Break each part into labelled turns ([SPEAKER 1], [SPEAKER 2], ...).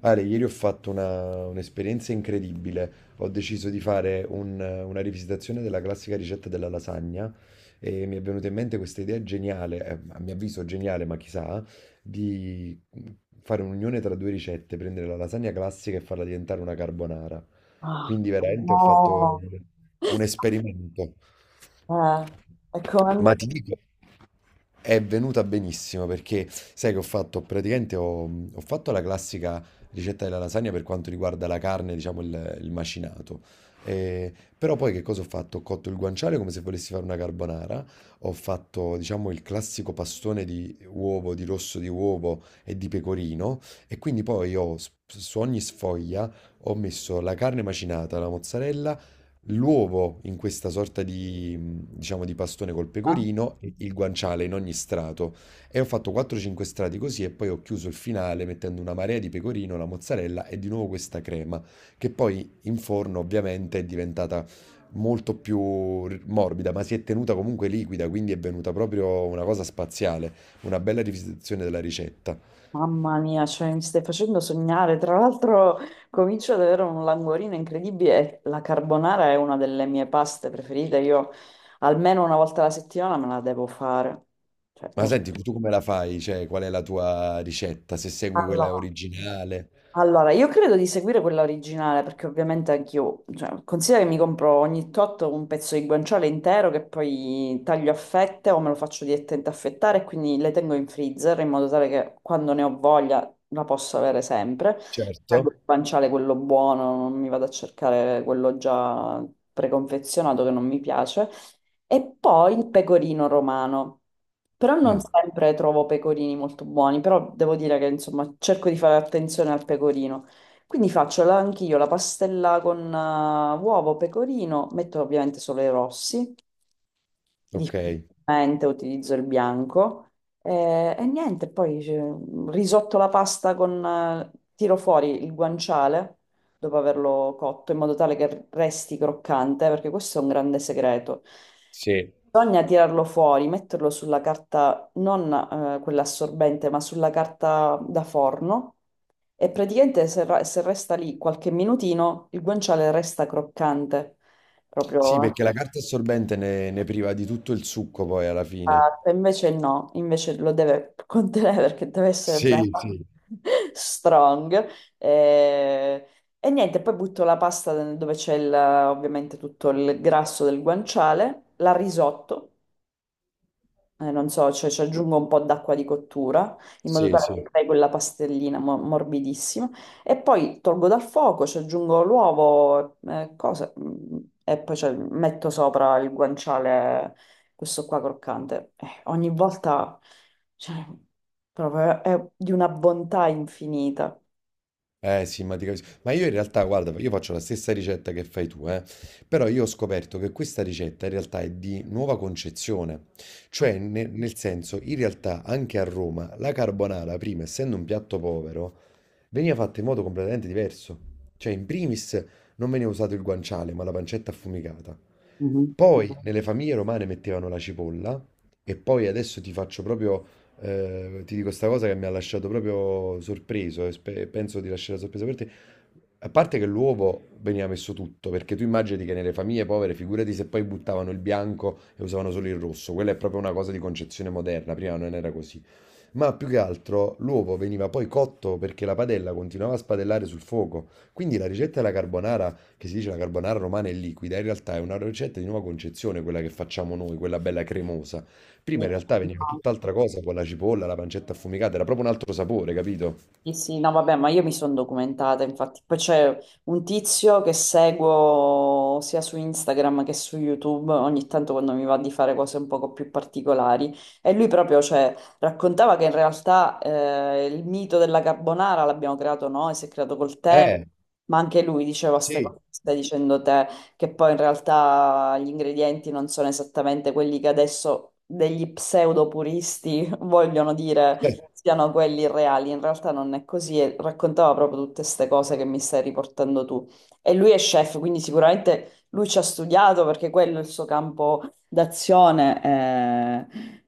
[SPEAKER 1] Ale, ieri ho fatto un'esperienza incredibile. Ho deciso di fare una rivisitazione della classica ricetta della lasagna e mi è venuta in mente questa idea geniale, a mio avviso geniale, ma chissà, di fare un'unione tra due ricette, prendere la lasagna classica e farla diventare una carbonara.
[SPEAKER 2] Ah,
[SPEAKER 1] Quindi veramente ho fatto
[SPEAKER 2] no,
[SPEAKER 1] un esperimento.
[SPEAKER 2] eh, è come-
[SPEAKER 1] Ma ti dico, è venuta benissimo perché sai che ho fatto praticamente ho fatto la classica ricetta della lasagna per quanto riguarda la carne, diciamo il macinato. Eh, Però poi che cosa ho fatto? Ho cotto il guanciale come se volessi fare una carbonara, ho fatto diciamo il classico pastone di uovo, di rosso di uovo e di pecorino e quindi poi ho su ogni sfoglia ho messo la carne macinata, la mozzarella, l'uovo in questa sorta di, diciamo, di pastone col
[SPEAKER 2] eh,
[SPEAKER 1] pecorino e il guanciale in ogni strato. E ho fatto 4-5 strati così e poi ho chiuso il finale mettendo una marea di pecorino, la mozzarella e di nuovo questa crema, che poi in forno ovviamente è diventata molto più morbida, ma si è tenuta comunque liquida, quindi è venuta proprio una cosa spaziale, una bella rivisitazione della ricetta.
[SPEAKER 2] mamma mia, cioè, mi stai facendo sognare. Tra l'altro, comincio ad avere un languorino incredibile. La carbonara è una delle mie paste preferite. Io almeno una volta alla settimana me la devo fare. Cioè,
[SPEAKER 1] Ma
[SPEAKER 2] per
[SPEAKER 1] senti, tu come la fai? Cioè, qual è la tua ricetta? Se segui
[SPEAKER 2] farla.
[SPEAKER 1] quella originale?
[SPEAKER 2] Allora, io credo di seguire quella originale perché ovviamente anch'io, cioè, considera che mi compro ogni tot un pezzo di guanciale intero che poi taglio a fette o me lo faccio direttamente affettare e quindi le tengo in freezer in modo tale che quando ne ho voglia la posso avere sempre.
[SPEAKER 1] Certo.
[SPEAKER 2] Prendo il guanciale quello buono, non mi vado a cercare quello già preconfezionato che non mi piace. E poi il pecorino romano. Però non
[SPEAKER 1] Mm.
[SPEAKER 2] sempre trovo pecorini molto buoni, però devo dire che insomma cerco di fare attenzione al pecorino. Quindi faccio la- anch'io la pastella con uovo, pecorino, metto ovviamente solo i rossi,
[SPEAKER 1] Ok,
[SPEAKER 2] difficilmente utilizzo il bianco e niente, poi cioè, risotto la pasta con, tiro fuori il guanciale dopo averlo cotto in modo tale che resti croccante, perché questo è un grande segreto.
[SPEAKER 1] sì.
[SPEAKER 2] Bisogna tirarlo fuori, metterlo sulla carta, non quella assorbente, ma sulla carta da forno e praticamente se, ra- se resta lì qualche minutino il guanciale resta croccante,
[SPEAKER 1] Sì,
[SPEAKER 2] proprio.
[SPEAKER 1] perché la carta assorbente ne priva di tutto il succo poi alla fine.
[SPEAKER 2] Esatto, invece no, invece lo deve contenere perché deve essere
[SPEAKER 1] Sì,
[SPEAKER 2] bello,
[SPEAKER 1] sì,
[SPEAKER 2] strong. E, e niente, poi butto la pasta dove c'è il- ovviamente tutto il grasso del guanciale, la risotto non so, cioè ci aggiungo un po' d'acqua di cottura in modo
[SPEAKER 1] sì,
[SPEAKER 2] tale che
[SPEAKER 1] sì.
[SPEAKER 2] crei quella pastellina mo- morbidissima e poi tolgo dal fuoco, ci aggiungo l'uovo, e poi ci metto sopra il guanciale, questo qua croccante. Ogni volta, cioè, proprio è di una bontà infinita.
[SPEAKER 1] Eh sì, ma ti capisco. Ma io in realtà, guarda, io faccio la stessa ricetta che fai tu, eh. Però io ho scoperto che questa ricetta in realtà è di nuova concezione. Cioè, nel senso, in realtà anche a Roma la carbonara, prima, essendo un piatto povero, veniva fatta in modo completamente diverso. Cioè, in primis non veniva usato il guanciale, ma la pancetta affumicata.
[SPEAKER 2] Mhm.
[SPEAKER 1] Poi nelle famiglie romane mettevano la cipolla e poi adesso ti faccio proprio, ti dico sta cosa che mi ha lasciato proprio sorpreso e penso di lasciare sorpresa per te. A parte che l'uovo veniva messo tutto, perché tu immagini che nelle famiglie povere, figurati se poi buttavano il bianco e usavano solo il rosso, quella è proprio una cosa di concezione moderna, prima non era così. Ma più che altro l'uovo veniva poi cotto perché la padella continuava a spadellare sul fuoco. Quindi la ricetta della carbonara, che si dice la carbonara romana è liquida, in realtà è una ricetta di nuova concezione, quella che facciamo noi, quella bella cremosa. Prima
[SPEAKER 2] Sì.
[SPEAKER 1] in realtà veniva
[SPEAKER 2] No.
[SPEAKER 1] tutt'altra cosa con la cipolla, la pancetta affumicata, era proprio un altro sapore, capito?
[SPEAKER 2] Sì, sì, no, vabbè, ma io mi sono documentata, infatti. Poi c'è un tizio che seguo sia su Instagram che su YouTube, ogni tanto quando mi va di fare cose un poco più particolari. E lui proprio, cioè, raccontava che in realtà il mito della carbonara l'abbiamo creato noi, si è creato col tempo,
[SPEAKER 1] Eh,
[SPEAKER 2] ma anche lui diceva queste cose
[SPEAKER 1] sì.
[SPEAKER 2] che stai dicendo te, che poi in realtà gli ingredienti non sono esattamente quelli che adesso degli pseudo puristi vogliono dire
[SPEAKER 1] Eh,
[SPEAKER 2] siano quelli reali, in realtà non è così e raccontava proprio tutte queste cose che mi stai riportando tu. E lui è chef, quindi sicuramente lui ci ha studiato perché quello è il suo campo d'azione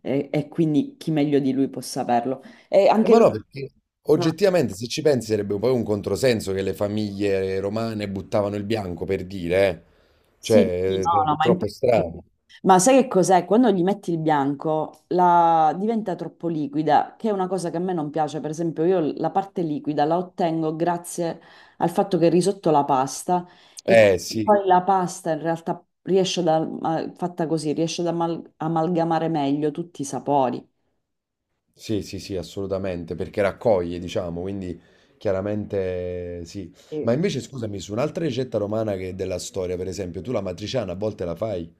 [SPEAKER 2] e quindi chi meglio di lui può saperlo. E anche
[SPEAKER 1] ma
[SPEAKER 2] lui...
[SPEAKER 1] no, perché oggettivamente se ci pensi sarebbe poi un controsenso che le famiglie romane buttavano il bianco per dire, eh.
[SPEAKER 2] Sì, sì,
[SPEAKER 1] Cioè, è
[SPEAKER 2] no, no, ma
[SPEAKER 1] troppo
[SPEAKER 2] infatti...
[SPEAKER 1] strano.
[SPEAKER 2] Ma sai che cos'è? Quando gli metti il bianco la- diventa troppo liquida, che è una cosa che a me non piace. Per esempio, io la parte liquida la ottengo grazie al fatto che risotto la pasta e
[SPEAKER 1] Eh sì,
[SPEAKER 2] poi la pasta in realtà riesce da, a- fatta così, riesce ad amal- amalgamare meglio tutti i sapori.
[SPEAKER 1] sì, sì, sì, assolutamente, perché raccoglie, diciamo, quindi chiaramente sì. Ma
[SPEAKER 2] Sì.
[SPEAKER 1] invece scusami, su un'altra ricetta romana che è della storia, per esempio, tu la matriciana a volte la fai?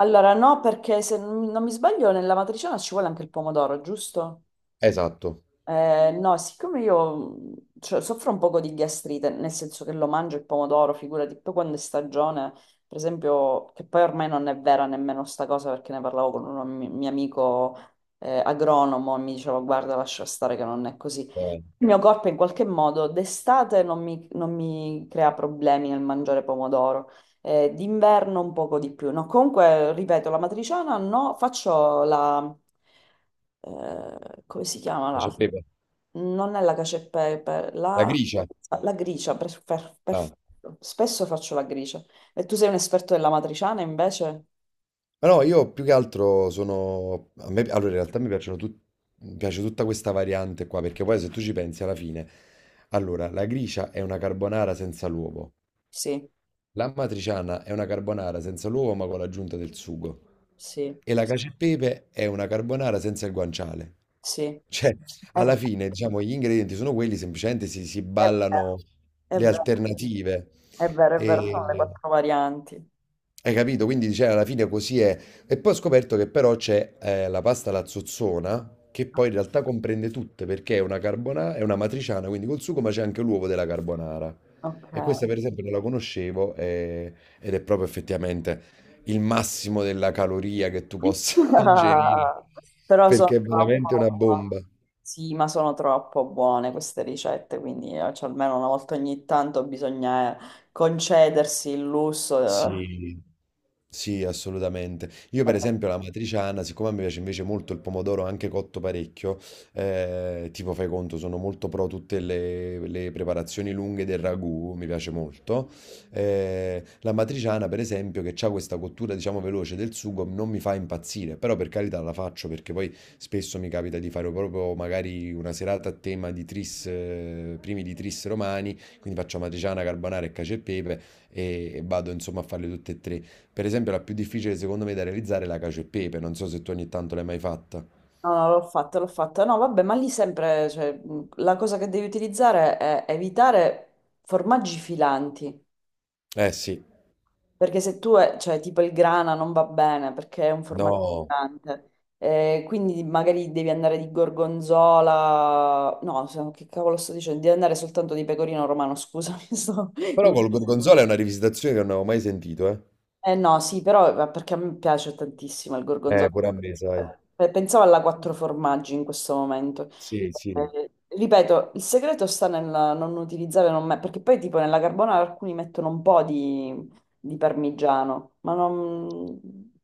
[SPEAKER 2] Allora, no, perché se non mi sbaglio, nella matriciana ci vuole anche il pomodoro, giusto?
[SPEAKER 1] Esatto,
[SPEAKER 2] No, siccome io cioè, soffro un poco di gastrite, nel senso che lo mangio il pomodoro, figurati, poi quando è stagione, per esempio, che poi ormai non è vera nemmeno sta cosa perché ne parlavo con un mi- mio amico agronomo e mi diceva guarda, lascia stare che non è così.
[SPEAKER 1] eh,
[SPEAKER 2] Il mio corpo in qualche modo d'estate non mi crea problemi nel mangiare pomodoro, d'inverno un poco di più. No, comunque, ripeto, la matriciana no, faccio la... come si chiama
[SPEAKER 1] cacio e
[SPEAKER 2] l'altra?
[SPEAKER 1] pepe.
[SPEAKER 2] Non è la cacio e pepe,
[SPEAKER 1] La
[SPEAKER 2] la,
[SPEAKER 1] gricia.
[SPEAKER 2] la gricia, per-
[SPEAKER 1] Ah.
[SPEAKER 2] perfetto. Spesso faccio la gricia. E tu sei un esperto della matriciana invece?
[SPEAKER 1] Ma no, io più che altro Allora, in realtà mi piacciono mi piace tutta questa variante qua, perché poi se tu ci pensi alla fine. Allora, la gricia è una carbonara senza l'uovo.
[SPEAKER 2] Sì,
[SPEAKER 1] L'amatriciana è una carbonara senza l'uovo ma con l'aggiunta del sugo.
[SPEAKER 2] sì,
[SPEAKER 1] E la cacio e pepe è una carbonara senza il guanciale.
[SPEAKER 2] sì.
[SPEAKER 1] Cioè,
[SPEAKER 2] È
[SPEAKER 1] alla
[SPEAKER 2] vero,
[SPEAKER 1] fine, diciamo, gli ingredienti sono quelli, semplicemente si
[SPEAKER 2] è
[SPEAKER 1] ballano
[SPEAKER 2] vero, è
[SPEAKER 1] le
[SPEAKER 2] vero.
[SPEAKER 1] alternative.
[SPEAKER 2] È vero, è vero, sono le
[SPEAKER 1] E,
[SPEAKER 2] quattro varianti.
[SPEAKER 1] hai capito? Quindi cioè, alla fine così è. E poi ho scoperto che però c'è la pasta alla zozzona, che poi in realtà comprende tutte, perché è una carbonara, è una matriciana, quindi col sugo, ma c'è anche l'uovo della carbonara.
[SPEAKER 2] Ok.
[SPEAKER 1] E questa per esempio non la conoscevo ed è proprio effettivamente il massimo della caloria che tu possa ingerire,
[SPEAKER 2] Però sono
[SPEAKER 1] perché è
[SPEAKER 2] troppo...
[SPEAKER 1] veramente una bomba.
[SPEAKER 2] Sì, ma sono troppo buone queste ricette, quindi cioè, almeno una volta ogni tanto bisogna concedersi il lusso. Eh.
[SPEAKER 1] Sì, sì, assolutamente. Io per esempio la matriciana, siccome a me piace invece molto il pomodoro anche cotto parecchio, tipo fai conto, sono molto pro tutte le preparazioni lunghe del ragù, mi piace molto. La matriciana per esempio che ha questa cottura diciamo veloce del sugo non mi fa impazzire, però per carità la faccio perché poi spesso mi capita di fare proprio magari una serata a tema di tris, primi di tris romani, quindi faccio matriciana, carbonara e cacio e pepe e e vado insomma a farle tutte e tre. Per esempio, la più difficile secondo me da realizzare è la cacio e pepe. Non so se tu ogni tanto l'hai mai fatta.
[SPEAKER 2] No, no, l'ho fatto, l'ho fatto. No, vabbè, ma lì sempre, cioè, la cosa che devi utilizzare è evitare formaggi filanti.
[SPEAKER 1] Eh sì,
[SPEAKER 2] Perché se tu, cioè tipo il grana non va bene perché è un formaggio
[SPEAKER 1] no.
[SPEAKER 2] pesante. Quindi magari devi andare di gorgonzola, no, se- che cavolo sto dicendo? Devi andare soltanto di pecorino romano, scusami, sto
[SPEAKER 1] Però col gorgonzola è una rivisitazione che non avevo mai sentito, eh.
[SPEAKER 2] no, sì, però ma perché a me piace tantissimo il gorgonzola.
[SPEAKER 1] Pure a me, sai.
[SPEAKER 2] Pensavo alla quattro formaggi in questo momento.
[SPEAKER 1] Sì, sì.
[SPEAKER 2] Eh, ripeto, il segreto sta nel non utilizzare, non me- perché poi tipo nella carbonara alcuni mettono un po' di parmigiano, ma non...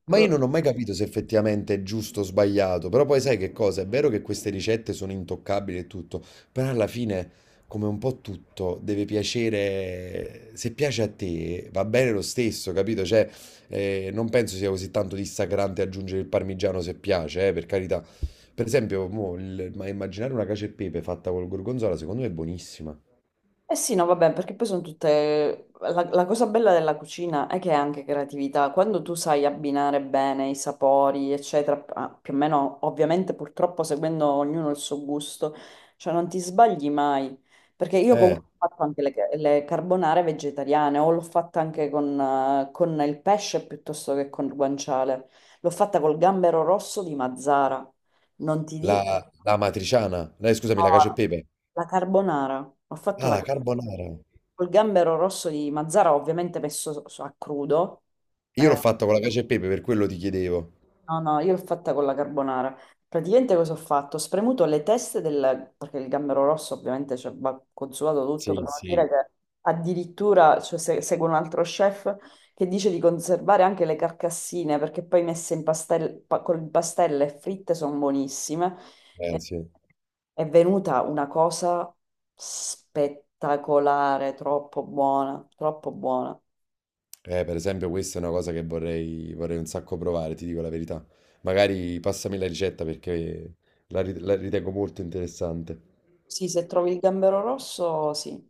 [SPEAKER 1] Ma io non ho mai capito se effettivamente è giusto o sbagliato, però poi sai che cosa? È vero che queste ricette sono intoccabili e tutto, però alla fine, come un po' tutto, deve piacere, se piace a te va bene lo stesso, capito? Cioè, non penso sia così tanto dissacrante aggiungere il parmigiano se piace, per carità. Per esempio, mo, ma immaginare una cacio e pepe fatta col gorgonzola, secondo me è buonissima.
[SPEAKER 2] Eh sì, no, vabbè, perché poi sono tutte... La, la cosa bella della cucina è che è anche creatività. Quando tu sai abbinare bene i sapori, eccetera, ah, più o meno, ovviamente, purtroppo, seguendo ognuno il suo gusto, cioè non ti sbagli mai. Perché io
[SPEAKER 1] Eh,
[SPEAKER 2] comunque ho fatto anche le carbonare vegetariane, o l'ho fatta anche con il pesce piuttosto che con il guanciale. L'ho fatta col gambero rosso di Mazzara. Non ti dico...
[SPEAKER 1] la matriciana, no, scusami, la cacio e
[SPEAKER 2] No,
[SPEAKER 1] pepe.
[SPEAKER 2] la carbonara. Ho fatto
[SPEAKER 1] Ah,
[SPEAKER 2] la...
[SPEAKER 1] la
[SPEAKER 2] carbonara.
[SPEAKER 1] carbonara.
[SPEAKER 2] Col gambero rosso di Mazzara, ovviamente messo so- so- a crudo.
[SPEAKER 1] Io l'ho
[SPEAKER 2] Eh,
[SPEAKER 1] fatta con la cacio e pepe, per quello ti chiedevo.
[SPEAKER 2] no, no, io l'ho fatta con la carbonara. Praticamente cosa ho fatto? Ho spremuto le teste del... perché il gambero rosso ovviamente cioè, va consumato tutto, per
[SPEAKER 1] Sì,
[SPEAKER 2] non
[SPEAKER 1] sì.
[SPEAKER 2] dire che addirittura cioè, se- seguo un altro chef che dice di conservare anche le carcassine perché poi messe in pastel... pa- con il pastello e fritte sono buonissime.
[SPEAKER 1] Eh
[SPEAKER 2] Eh,
[SPEAKER 1] sì,
[SPEAKER 2] È venuta una cosa spettacolare, troppo buona, troppo buona.
[SPEAKER 1] per esempio questa è una cosa che vorrei un sacco provare, ti dico la verità. Magari passami la ricetta perché la ritengo molto interessante.
[SPEAKER 2] Sì, se trovi il gambero rosso, sì.